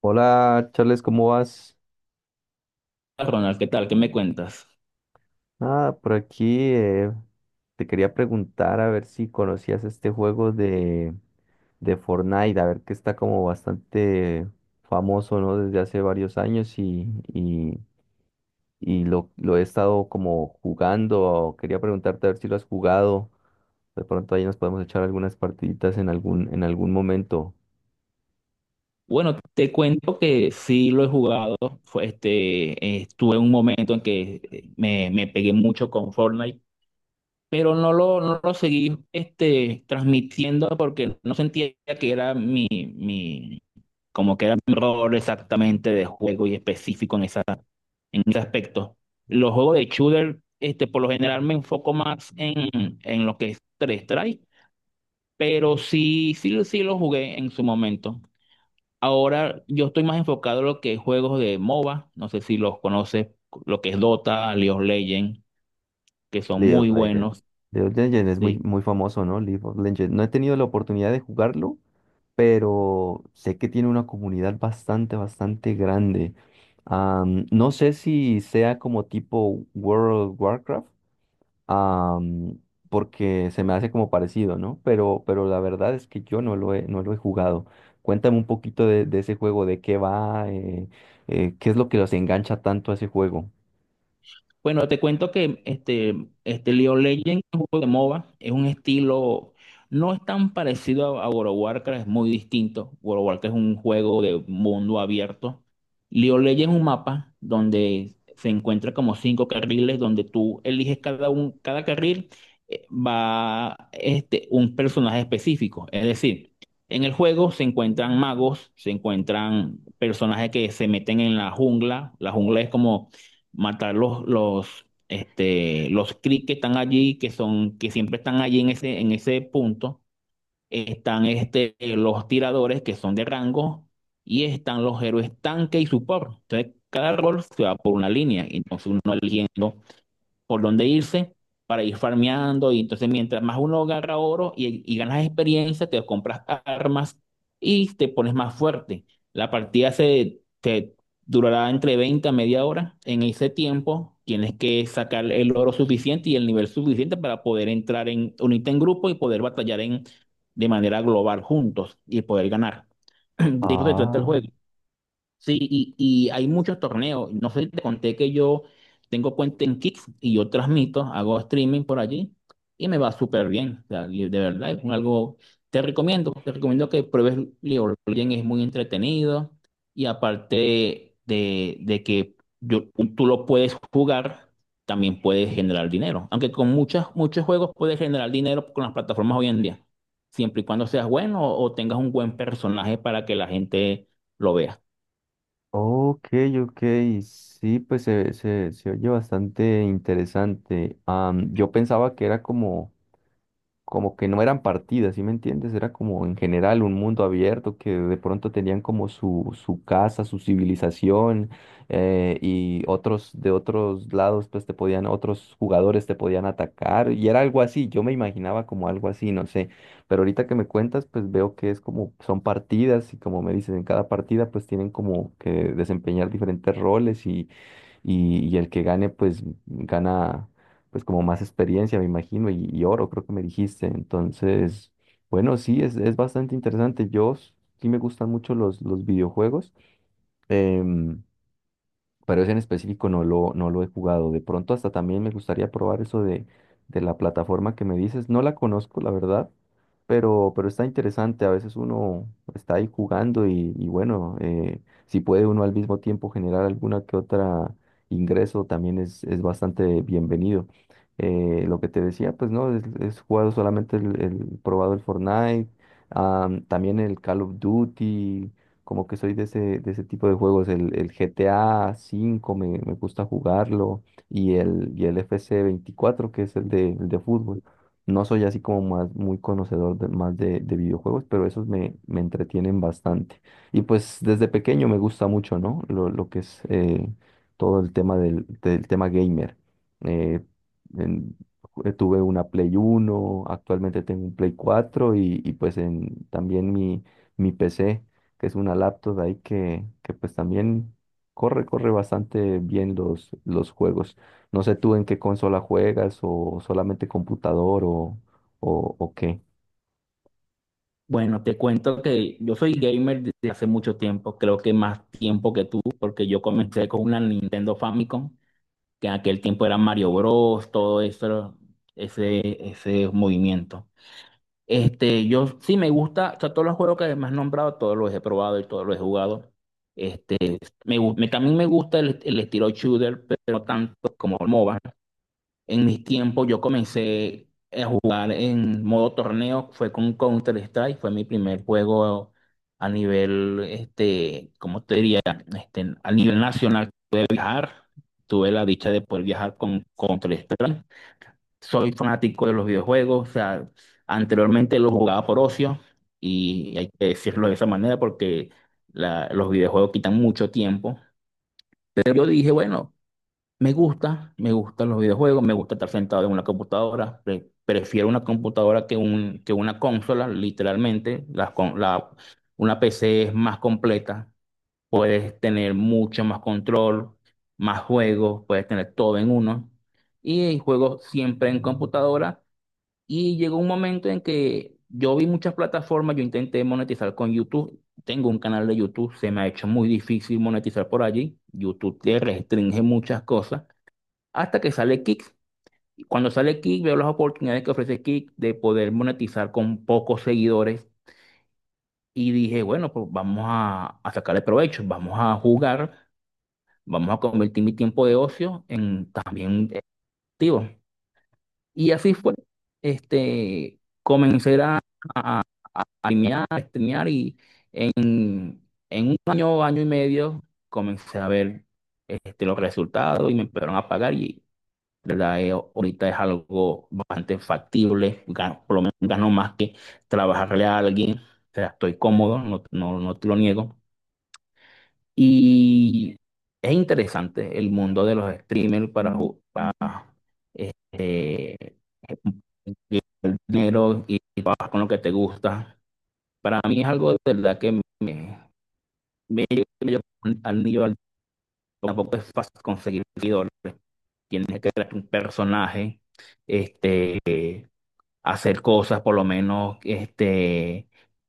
Hola, Charles, ¿cómo vas? Ronald, ¿qué tal? ¿Qué me cuentas? Ah, por aquí te quería preguntar a ver si conocías este juego de Fortnite, a ver que está como bastante famoso, ¿no? Desde hace varios años y, y lo he estado como jugando. Quería preguntarte a ver si lo has jugado. De pronto ahí nos podemos echar algunas partiditas en algún momento. Bueno, te cuento que sí lo he jugado. Fue, estuve en un momento en que me pegué mucho con Fortnite, pero no lo seguí, este, transmitiendo, porque no sentía que era mi, como que era mi rol exactamente de juego y específico en en ese aspecto. Los juegos de shooter, este, por lo general me enfoco más en lo que es 3 strike, pero sí lo jugué en su momento. Ahora yo estoy más enfocado en lo que es juegos de MOBA, no sé si los conoces, lo que es Dota, League of Legends, que son League of muy Legends. buenos. League of Legends es muy, Sí. muy famoso, ¿no? League of Legends. No he tenido la oportunidad de jugarlo pero sé que tiene una comunidad bastante, bastante grande. No sé si sea como tipo World of Warcraft, am, porque se me hace como parecido, ¿no? Pero la verdad es que yo no lo he jugado. Cuéntame un poquito de ese juego, de qué va, qué es lo que los engancha tanto a ese juego. Bueno, te cuento que este League of Legends es un juego de MOBA, es un estilo, no es tan parecido a World of Warcraft, es muy distinto. World of Warcraft es un juego de mundo abierto. League of Legends es un mapa donde se encuentra como cinco carriles, donde tú eliges cada carril, un personaje específico. Es decir, en el juego se encuentran magos, se encuentran personajes que se meten en la jungla. La jungla es como matar los Kree que están allí, que son, que siempre están allí en en ese punto. Están, este, los tiradores que son de rango, y están los héroes tanque y support. Entonces, cada rol se va por una línea. Entonces, uno va eligiendo por dónde irse para ir farmeando. Y entonces, mientras más uno agarra oro y ganas experiencia, te compras armas y te pones más fuerte. La partida se te durará entre 20 a media hora. En ese tiempo, tienes que sacar el oro suficiente y el nivel suficiente para poder entrar en unirte en grupo y poder batallar en, de manera global juntos y poder ganar. De eso se trata el Ah, juego. Sí, y hay muchos torneos. No sé si te conté que yo tengo cuenta en Kick y yo transmito, hago streaming por allí y me va súper bien. O sea, y de verdad, es un algo. Te recomiendo que pruebes League of Legends, es muy entretenido, y aparte de que yo- tú lo puedes jugar, también puedes generar dinero. Aunque con muchos juegos puedes generar dinero con las plataformas hoy en día, siempre y cuando seas bueno o tengas un buen personaje para que la gente lo vea. ok, ok, sí, pues se oye bastante interesante. Yo pensaba que era como que no eran partidas, ¿sí me entiendes? Era como en general un mundo abierto que de pronto tenían como su casa, su civilización, y otros de otros lados pues otros jugadores te podían atacar y era algo así, yo me imaginaba como algo así, no sé, pero ahorita que me cuentas pues veo que es como son partidas y como me dices, en cada partida pues tienen como que desempeñar diferentes roles y el que gane, pues gana, pues como más experiencia, me imagino, y oro, creo que me dijiste. Entonces, bueno, sí, es bastante interesante. Yo sí me gustan mucho los videojuegos. Em, pero ese en específico no lo he jugado. De pronto hasta también me gustaría probar eso de la plataforma que me dices. No la conozco, la verdad, pero está interesante. A veces uno está ahí jugando y bueno, si puede uno al mismo tiempo generar alguna que otra ingreso, también es bastante bienvenido. Lo que te decía, pues no, es jugado solamente probado el Fortnite, ah, también el Call of Duty como que soy de ese tipo de juegos. El GTA 5 me gusta jugarlo y el FC 24 que es el de fútbol. No soy así como más muy conocedor más de videojuegos, pero esos me entretienen bastante. Y pues desde pequeño me gusta mucho, ¿no? Lo que es todo el tema del tema gamer. Eh, en- tuve una Play 1. Actualmente tengo un Play 4 y pues también mi PC que es una laptop ahí que pues también corre bastante bien los juegos. No sé tú en qué consola juegas o solamente computador o qué. Bueno, te cuento que yo soy gamer desde hace mucho tiempo, creo que más tiempo que tú, porque yo comencé con una Nintendo Famicom, que en aquel tiempo era Mario Bros, todo eso, ese movimiento. Este, yo sí me gusta, o sea, todos los juegos que me has nombrado, todos los he probado y todos los he jugado. Este, También me gusta el estilo shooter, pero no tanto como el MOBA. En mis tiempos yo comencé jugar en modo torneo fue con Counter Strike, fue mi primer juego a nivel, este, ¿cómo te diría? Este, a nivel nacional pude viajar, tuve la dicha de poder viajar con Counter Strike. Soy fanático de los videojuegos, o sea, anteriormente los jugaba por ocio, y hay que decirlo de esa manera porque los videojuegos quitan mucho tiempo. Pero yo dije, bueno, me gusta, me gustan los videojuegos, me gusta estar sentado en una computadora. Prefiero una computadora que una consola, literalmente. Una PC es más completa, puedes tener mucho más control, más juegos, puedes tener todo en uno. Y juego siempre en computadora. Y llegó un momento en que yo vi muchas plataformas, yo intenté monetizar con YouTube. Tengo un canal de YouTube, se me ha hecho muy difícil monetizar por allí. YouTube te restringe muchas cosas hasta que sale Kick. Y cuando sale Kick, veo las oportunidades que ofrece Kick de poder monetizar con pocos seguidores, y dije, bueno, pues vamos a sacarle provecho, vamos a jugar, vamos a convertir mi tiempo de ocio en también activo. Y así fue. Este, comencé a, a, a streamear, a streamear, y en, en un año, año y medio, comencé a ver, este, los resultados, y me empezaron a pagar y, ¿verdad? Ahorita es algo bastante factible, gano, por lo menos gano más que trabajarle a alguien, o sea, estoy cómodo, no te lo niego. Y es interesante el mundo de los streamers para, para, este, el dinero y trabajar con lo que te gusta. Para mí es algo de verdad que me lleva al niño, al, tampoco es fácil conseguir seguidores, tienes que crear un personaje. Este, hacer cosas, por lo menos, este,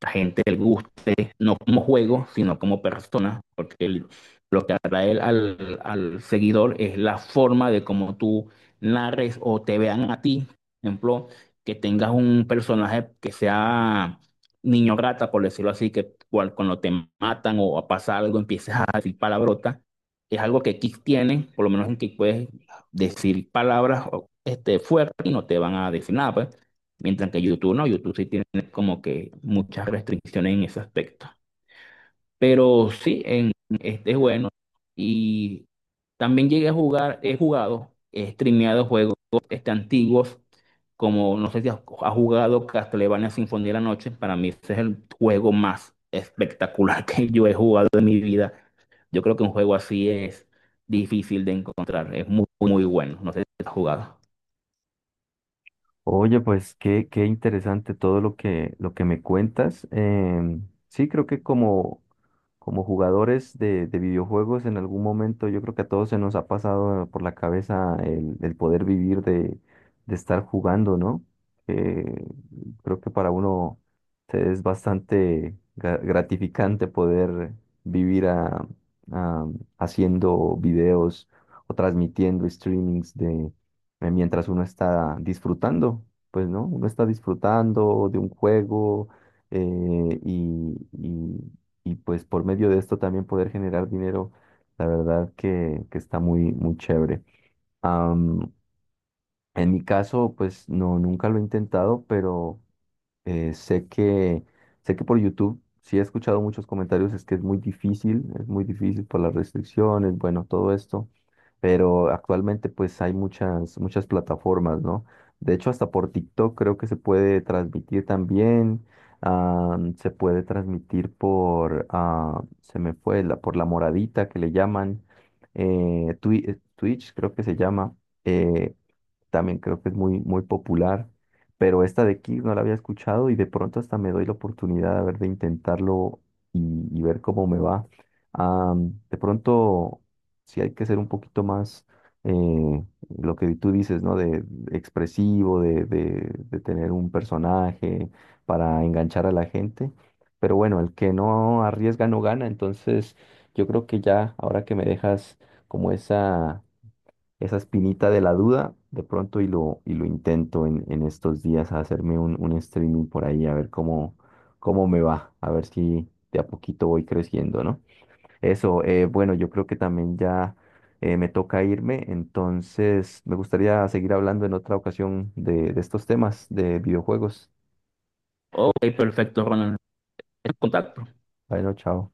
la gente le guste, no como juego, sino como persona, porque lo que atrae al seguidor es la forma de cómo tú narres o te vean a ti. Por ejemplo, que tengas un personaje que sea niño rata, por decirlo así, que cuando te matan o pasa algo empieces a decir palabrotas. Es algo que Kick tiene, por lo menos en que puedes decir palabras o, este, fuertes y no te van a decir nada, pues. Mientras que YouTube no, YouTube sí tiene como que muchas restricciones en ese aspecto. Pero sí, este es bueno. Y también llegué a jugar, he jugado, he streameado juegos, este, antiguos, como no sé si has jugado Castlevania Sinfonía de la Noche. Para mí ese es el juego más espectacular que yo he jugado en mi vida. Yo creo que un juego así es difícil de encontrar. Es muy, muy bueno. No sé si has jugado. Oye, pues qué interesante todo lo lo que me cuentas. Sí, creo que como jugadores de videojuegos, en algún momento yo creo que a todos se nos ha pasado por la cabeza el poder vivir de estar jugando, ¿no? Eh, creo que para uno es bastante gratificante poder vivir a- haciendo videos o transmitiendo streamings de mientras uno está disfrutando, pues, ¿no? Uno está disfrutando de un juego eh, y, y pues por medio de esto también poder generar dinero, la verdad que está muy, muy chévere. Am, en mi caso, pues no, nunca lo he intentado, pero eh, sé que, sé que por YouTube sí he escuchado muchos comentarios, es que es muy difícil por las restricciones, bueno, todo esto, pero actualmente pues hay muchas, muchas plataformas, ¿no? De hecho, hasta por TikTok creo que se puede transmitir también, se puede transmitir por, se me fue, la, por la moradita que le llaman, Twitch creo que se llama, eh, también creo que es muy, muy popular, pero esta de Kick no la había escuchado y de pronto hasta me doy la oportunidad a ver de intentarlo y, y ver cómo me va. Ah, de pronto, sí hay que ser un poquito más, eh, lo que tú dices, ¿no? De expresivo, de tener un personaje para enganchar a la gente. Pero bueno, el que no arriesga no gana, entonces yo creo que ya ahora que me dejas como esa espinita de la duda de pronto y lo intento en estos días a hacerme un streaming por ahí, a ver cómo me va, a ver si de a poquito voy creciendo, ¿no? Eso, bueno, yo creo que también ya me toca irme, entonces me gustaría seguir hablando en otra ocasión de estos temas de videojuegos. Ok, perfecto, Ronald. En contacto. Bueno, chao.